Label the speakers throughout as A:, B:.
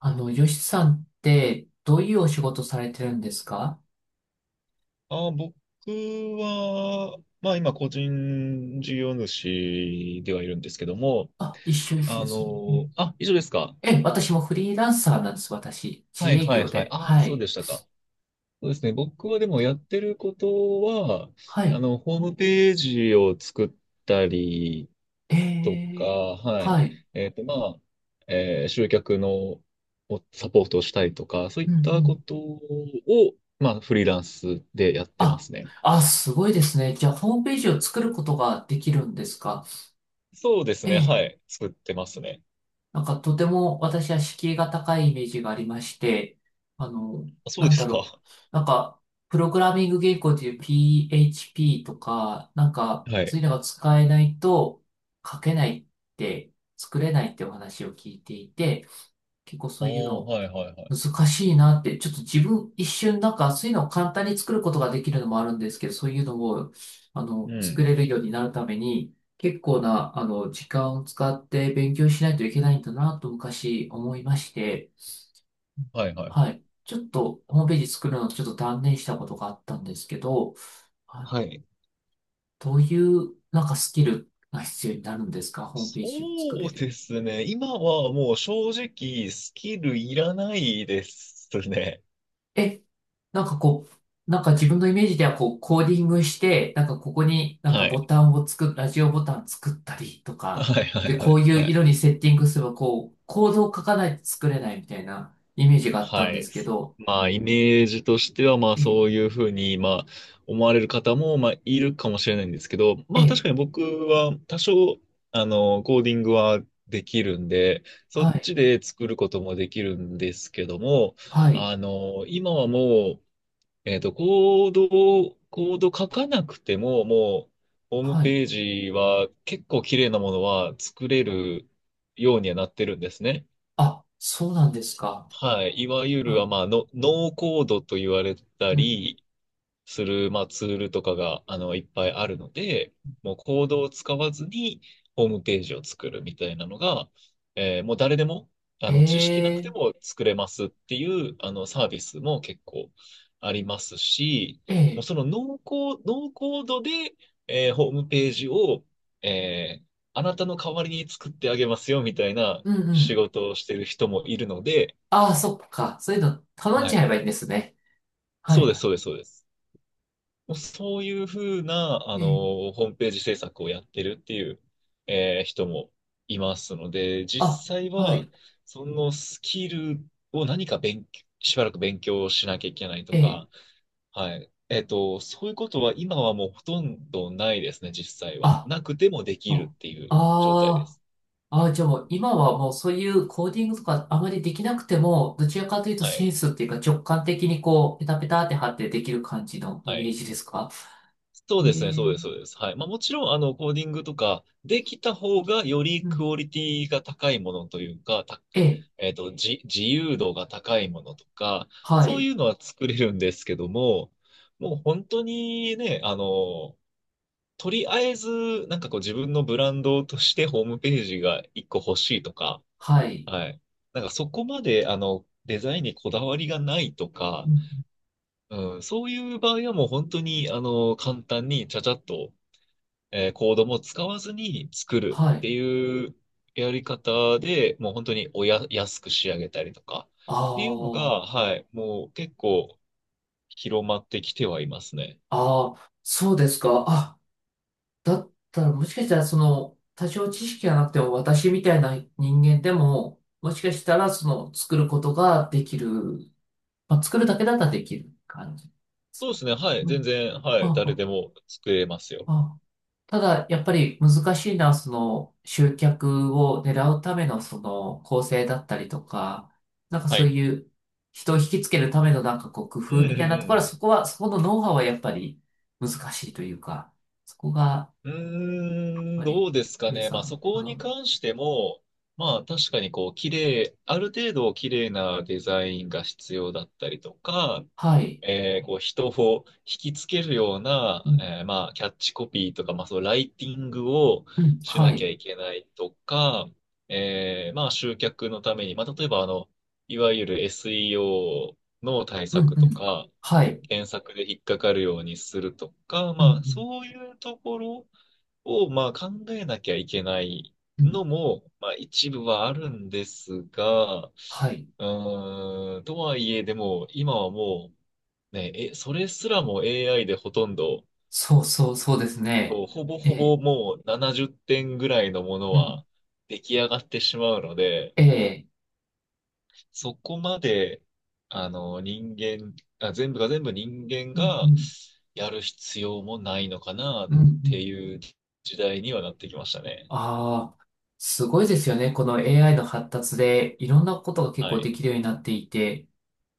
A: よしさんって、どういうお仕事されてるんですか？
B: 僕は、今個人事業主ではいるんですけども、
A: あ、一緒ですね。うん。
B: 以上ですか？
A: え、私もフリーランサーなんです、私。
B: は
A: 自
B: い
A: 営
B: はい
A: 業
B: はい。
A: で。
B: あ、
A: は
B: そう
A: い。
B: でしたか。そうですね。僕はでもやってることは、
A: はい。
B: ホームページを作ったり
A: え
B: とか、
A: ー、
B: は
A: は
B: い。
A: い。
B: えっと、まあ、集客のをサポートをしたりとか、そうい
A: う
B: っ
A: んう
B: たこ
A: ん。
B: とを、フリーランスでやってま
A: あ、
B: すね。
A: あ、すごいですね。じゃあ、ホームページを作ることができるんですか？
B: そうですね。
A: ええ、
B: はい。作ってますね。
A: なんかとても私は敷居が高いイメージがありまして、あの、
B: あ、そう
A: な
B: で
A: んだ
B: す
A: ろう。
B: か。
A: なんか、プログラミング言語でいう PHP とか、なんか、
B: は
A: そ
B: い。
A: ういうのが使えないと書けないって、作れないってお話を聞いていて、結構
B: あ
A: そ
B: あ、
A: ういうの
B: はいはいはい。
A: 難しいなって、ちょっと自分一瞬なんかそういうのを簡単に作ることができるのもあるんですけど、そういうのを、
B: う
A: 作
B: ん。
A: れるようになるために、結構な、時間を使って勉強しないといけないんだなと昔思いまして、
B: はいはいは
A: は
B: い。
A: い。ちょっとホームページ作るのをちょっと断念したことがあったんですけど、はい、
B: はい。
A: どういうなんかスキルが必要になるんですか？ホーム
B: そ
A: ページを作れ
B: う
A: る。
B: ですね。今はもう正直スキルいらないですね。
A: え、なんかこう、なんか自分のイメージではこう、コーディングして、なんかここになんか
B: は
A: ボ
B: い。
A: タンを作っ、ラジオボタン作ったりとか、
B: はいはい
A: で、
B: は
A: こう
B: い
A: いう
B: は
A: 色
B: い。
A: にセッティングすれば、こう、コードを書かないと作れないみたいなイメージがあった
B: は
A: んで
B: い。
A: すけど、
B: イメージとしては、
A: え、
B: そういうふうに、思われる方も、いるかもしれないんですけど、
A: え
B: 確
A: え、
B: かに僕は、多少、コーディングはできるんでそ
A: は
B: っ
A: い、
B: ちで作ることもできるんですけども、
A: はい、
B: 今はもう、コード書かなくても、もう、ホーム
A: はい。
B: ページは結構綺麗なものは作れるようにはなってるんですね。
A: あ、そうなんですか。
B: はい。いわゆ
A: う
B: る、
A: ん、
B: ノーコードと言われた
A: うん。
B: りする、ツールとかが、いっぱいあるので、もうコードを使わずにホームページを作るみたいなのが、もう誰でも、
A: え
B: 知識なくて
A: え、
B: も作れますっていう、サービスも結構ありますし、
A: え
B: もう
A: え、
B: そのノーコー、ノーコードで、ホームページを、えーあなたの代わりに作ってあげますよみたいな
A: うんう
B: 仕
A: ん。
B: 事をしてる人もいるので、
A: ああ、そっか。そういうの頼ん
B: は
A: じゃ
B: い。
A: えばいいんですね。は
B: そ
A: い、
B: うです、
A: は
B: そうです、そうです。もうそういうふうな、
A: い。ええ、
B: ホームページ制作をやってるっていう、人もいますので、実
A: あ、
B: 際
A: は
B: は、
A: い、
B: そのスキルを何か勉強、しばらく勉強しなきゃいけないと
A: ええ。
B: か、はい。えっと、そういうことは今はもうほとんどないですね、実際は。
A: あ
B: なくてもできる
A: あ、
B: っていう状態で
A: あー、
B: す。
A: あー、じゃあもう今はもうそういうコーディングとかあまりできなくても、どちらかというと
B: は
A: セン
B: い。
A: スっていうか直感的にこう、ペタペタって貼ってできる感じのイ
B: は
A: メー
B: い。
A: ジですか？
B: そ
A: え
B: うですね、
A: ー、
B: そうです、そうです。はい。もちろん、コーディングとかできた方がより
A: う
B: ク
A: ん。
B: オリティが高いものというか、た、
A: ええ、
B: えっと、じ、自由度が高いものとか、
A: は
B: そうい
A: い、
B: うのは作れるんですけども、もう本当にね、とりあえず、なんかこう自分のブランドとしてホームページが一個欲しいとか、
A: はい、
B: はい。なんかそこまで、デザインにこだわりがないと
A: う
B: か、
A: ん、
B: うん、そういう場合はもう本当に、簡単にちゃちゃっと、コードも使わずに作る
A: は
B: って
A: い。
B: いうやり方で、もう本当におや、安く仕上げたりとか
A: あ
B: っていうのが、
A: あ、
B: はい、もう結構広まってきてはいますね。
A: ああ、そうですか。あ、だったらもしかしたらその、多少知識がなくても私みたいな人間でも、もしかしたらその、作ることができる。まあ、作るだけだったらできる感じです
B: そうで
A: か？
B: すね、はい、
A: う
B: 全
A: ん。
B: 然、はい、
A: あ
B: 誰
A: あ、
B: でも作れますよ。
A: あはあ。ただ、やっぱり難しいのは、その、集客を狙うための、その、構成だったりとか、なんか
B: は
A: そう
B: い。
A: いう、人を引きつけるための、なんかこう、工
B: う
A: 夫
B: んうんう
A: みたいなとこ
B: んう
A: ろは、
B: ん。
A: そこは、そこのノウハウはやっぱり難しいというか、そこが、やっ
B: うーん、
A: ぱ
B: ど
A: り、
B: うですか
A: 皆
B: ね。
A: さ
B: まあそ
A: ん、
B: こに関しても、確かにこう綺麗、ある程度綺麗なデザインが必要だったりとか、
A: はい、
B: こう人を引きつけるよう
A: う
B: な、
A: ん、
B: キャッチコピーとか、ライティングを
A: うん、
B: し
A: は
B: なきゃ
A: い、
B: いけないとか、集客のために、例えばいわゆる SEO の対
A: うん、
B: 策
A: う
B: と
A: ん、
B: か、
A: はい、
B: 検索で引っかかるようにするとか、
A: うん、う
B: まあ
A: ん、
B: そういうところを、考えなきゃいけない
A: うん、
B: のも、一部はあるんですが、
A: はい、
B: とはいえ、でも、今はもう、それすらも AI でほとんど、
A: そうそう、そうですね。
B: ほぼ
A: え
B: ほ
A: え、
B: ぼもう70点ぐらいのもの
A: うん。
B: は出来上がってしまうので、
A: ええ。
B: そこまで、あの、人間、あ、全部が全部人間
A: うんう
B: が
A: ん。
B: やる必要もないのかな
A: う
B: っ
A: んうん。
B: ていう時代にはなってきましたね。
A: ああ、すごいですよね。この AI の発達でいろんなことが結
B: は
A: 構で
B: い。
A: きるようになっていて。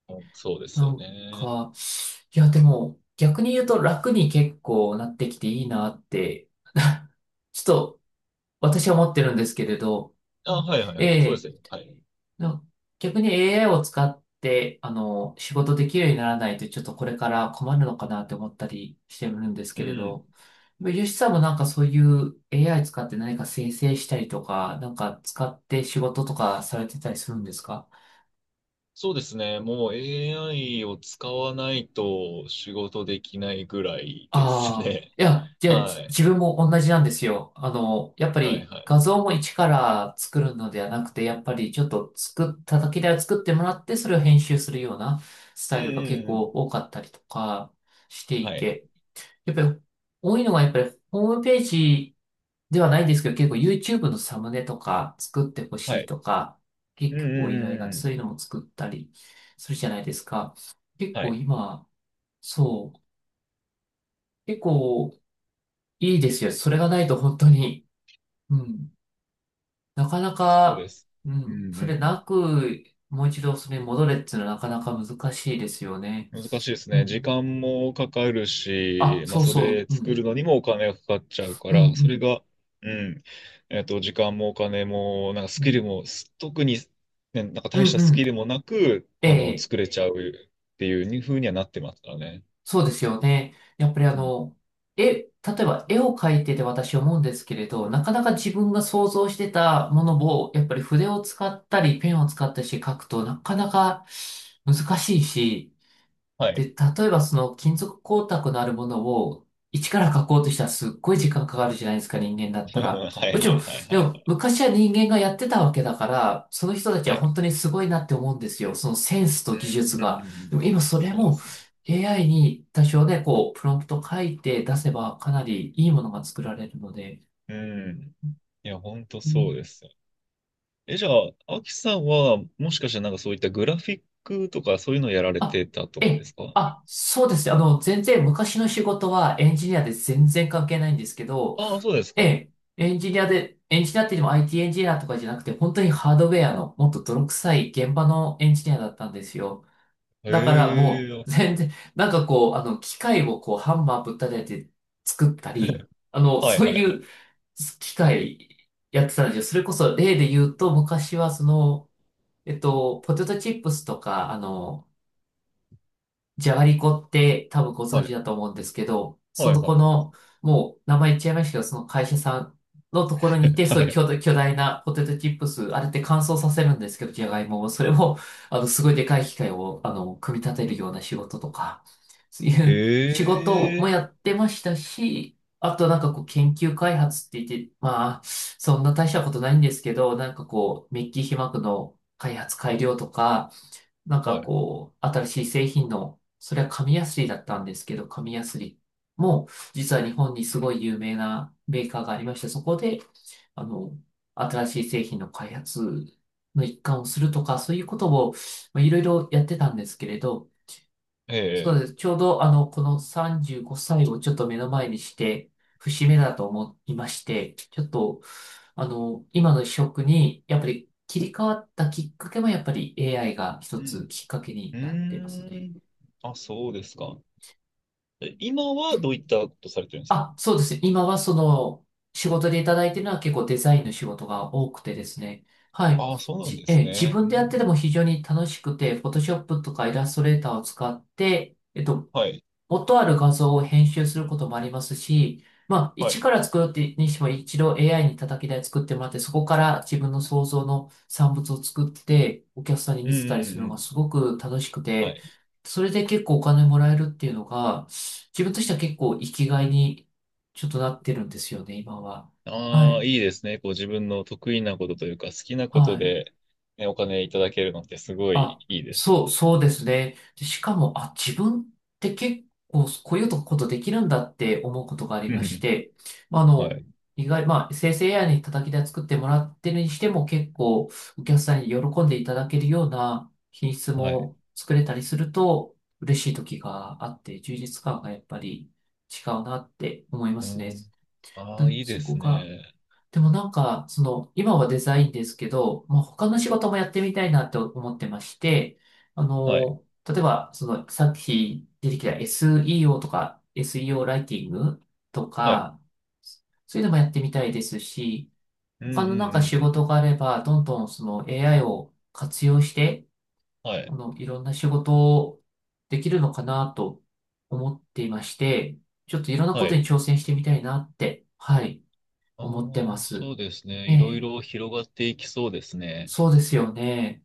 B: うんそうです
A: な
B: よ
A: ん
B: ね。
A: か、いやでも逆に言うと楽に結構なってきていいなって、ちょっと私は思ってるんですけれど。う
B: あ、
A: ん、
B: はいはい
A: え
B: はい。そうです
A: え。
B: よ。はい。
A: な逆に AI を使って、仕事できるようにならないとちょっとこれから困るのかなって思ったりしてるんです
B: う
A: けれ
B: ん。
A: ど。ヨシさんもなんかそういう AI 使って何か生成したりとか、なんか使って仕事とかされてたりするんですか？
B: そうですね。もう AI を使わないと仕事できないぐらいです
A: ああ、
B: ね。
A: いや、じゃあ
B: は
A: じ自
B: い。
A: 分も同じなんですよ。やっぱ
B: はい
A: り
B: は
A: 画
B: い。
A: 像も一から作るのではなくて、やっぱりちょっと作っただけでは作ってもらって、それを編集するようなス
B: う
A: タ
B: ん
A: イルが結
B: うんう
A: 構
B: ん。
A: 多かったりとかしてい
B: はい。
A: て、やっぱり多いのがやっぱりホームページではないですけど、結構 YouTube のサムネとか作ってほ
B: は
A: しい
B: い。
A: とか、
B: うんう
A: 結構依
B: ん
A: 頼
B: うん
A: が
B: う
A: そう
B: ん。
A: いうのも作ったりするじゃないですか。結
B: は
A: 構
B: い。
A: 今、そう、結構いいですよ。それがないと本当に、うん、なかな
B: そうで
A: か、
B: す。
A: う
B: うん
A: ん、
B: う
A: それ
B: んう
A: な
B: ん。
A: く、もう一度それに戻れっていうのはなかなか難しいですよね。
B: 難しいです
A: う
B: ね。時
A: ん。
B: 間もかかる
A: あ、
B: し、まあ、
A: そう
B: そ
A: そ
B: れ
A: う、う
B: 作
A: ん、
B: るのにもお金がかかっちゃうか
A: うん、う
B: ら、それ
A: ん、
B: が、うん、えっと、時間もお金も、なんかス
A: う
B: キル
A: ん、
B: も、特に、ね、なんか
A: う
B: 大し
A: ん、
B: た
A: う
B: スキ
A: ん、
B: ルもなく、
A: ええ、
B: 作れちゃうっていう風にはなってますからね。
A: そうですよね。やっぱり
B: うん
A: 例えば絵を描いてて私思うんですけれど、なかなか自分が想像してたものを、やっぱり筆を使ったりペンを使ったりして描くとなかなか難しいし、
B: は
A: で、
B: い。
A: 例えばその金属光沢のあるものを一から書こうとしたらすっごい時間かかるじゃないですか、人間だっ たら。
B: は
A: も
B: い
A: ち
B: は
A: ろん、
B: いはい
A: で
B: は
A: も
B: い。
A: 昔は人間がやってたわけだから、その人たち
B: は
A: は
B: い。
A: 本当にすごいなって思うんですよ。そのセンス
B: う
A: と技術
B: んうんうん
A: が。
B: うん。
A: でも今それ
B: そうで
A: も
B: すね。
A: AI に多少ね、こう、プロンプト書いて出せばかなりいいものが作られるので。
B: うん。いや、本当
A: う
B: そう
A: ん、
B: ですよ。え、じゃあ、アキさんは、もしかしてなんかそういったグラフィックとかそういうのやられ
A: あ、
B: てたと
A: え
B: かで
A: え、
B: すか？
A: あ、そうですね。全然昔の仕事はエンジニアで全然関係ないんですけど、
B: ああ、そうです
A: え
B: か。
A: え、エンジニアって言っても IT エンジニアとかじゃなくて、本当にハードウェアのもっと泥臭い現場のエンジニアだったんですよ。
B: へ
A: だからも
B: え、
A: う全然、なんかこう、機械をこう、ハンマーぶったたいて作ったり、
B: はい
A: そう
B: はい
A: い
B: はい。
A: う機械やってたんですよ。それこそ例で言うと、昔はその、ポテトチップスとか、じゃがりこって多分ご存
B: は
A: 知
B: い、
A: だと思うんですけど、
B: は
A: そ
B: い、
A: の
B: はい
A: こ
B: は
A: の、もう名前言っちゃいましたけど、その会社さんのところにいて、
B: い。
A: そう
B: は
A: いう
B: い。
A: 巨大なポテトチップス、あれって乾燥させるんですけど、じゃがいもを、それを、すごいでかい機械を、組み立てるような仕事とか、そういう仕
B: え
A: 事も
B: え、
A: やってましたし、あとなんかこう研究開発って言って、まあ、そんな大したことないんですけど、なんかこう、メッキ被膜の開発改良とか、なん
B: は
A: か
B: い。
A: こう、新しい製品の、それは紙やすりだったんですけど、紙やすりも、実は日本にすごい有名なメーカーがありまして、そこで、あの、新しい製品の開発の一環をするとか、そういうことを、まあ、いろいろやってたんですけれど、
B: え
A: そう
B: え、
A: です。ちょうど、この35歳をちょっと目の前にして、節目だと思いまして、ちょっと、今の職に、やっぱり切り替わったきっかけも、やっぱり AI が一
B: う
A: つ
B: ん。
A: きっかけ
B: う
A: になってます
B: ー
A: ね。
B: ん。あ、そうですか。え、今はどういったことされてるんですか？
A: あ、そうですね。今はその、仕事でいただいてるのは結構デザインの仕事が多くてですね。はい。
B: ああ、そうなん
A: じ、
B: で
A: え
B: す
A: ー自
B: ね。
A: 分
B: う
A: でやってて
B: ん
A: も非常に楽しくて、フォトショップとかイラストレーターを使って、
B: はい、
A: 元ある画像を編集することもありますし、まあ、
B: は
A: 一
B: い。
A: から作るってにしても一度 AI に叩き台作ってもらって、そこから自分の想像の産物を作って、お客さんに
B: う
A: 見
B: ん、う
A: せたりす
B: ん、
A: る
B: う
A: のが
B: ん。
A: すごく楽しく
B: は
A: て、
B: い
A: それで結構お金もらえるっていうのが、自分としては結構生きがいにちょっとなってるんですよね、今は。は
B: ああ、
A: い、
B: いいですね。こう自分の得意なことというか、好きなこ
A: は
B: と
A: い。
B: で、ね、お金いただけるのってすごい
A: あ、
B: いいですよ
A: そう、
B: ね。
A: そうですね。で、しかも、あ、自分って結構こういうことできるんだって思うことがあ り
B: う
A: まし
B: ん
A: て、まあ、
B: はい。
A: 意外、まあ、生成やに叩き台作ってもらってるにしても結構お客さんに喜んでいただけるような品質
B: はい。
A: も作れたりすると嬉しい時があって、充実感がやっぱり違うなって思いま
B: う
A: すね。
B: ん。
A: で
B: ああ、いいで
A: そこ
B: す
A: が
B: ね。
A: でもなんか、その、今はデザインですけど、まあ、他の仕事もやってみたいなって思ってまして、
B: はい。
A: 例えば、その、さっき出てきた SEO とか、SEO ライティングと
B: はい。
A: か、そういうのもやってみたいですし、
B: うんうん
A: 他
B: うん
A: のなんか仕
B: う
A: 事
B: ん。
A: があれば、どんどんその AI を活用して、
B: はい。
A: いろんな仕事をできるのかなと思っていまして、ちょっといろんな
B: は
A: こと
B: い。
A: に挑戦してみたいなって、はい、
B: あ
A: 思って
B: あ、
A: ま
B: そ
A: す。
B: うですね。
A: え
B: いろい
A: え、
B: ろ広がっていきそうですね。
A: そうですよね。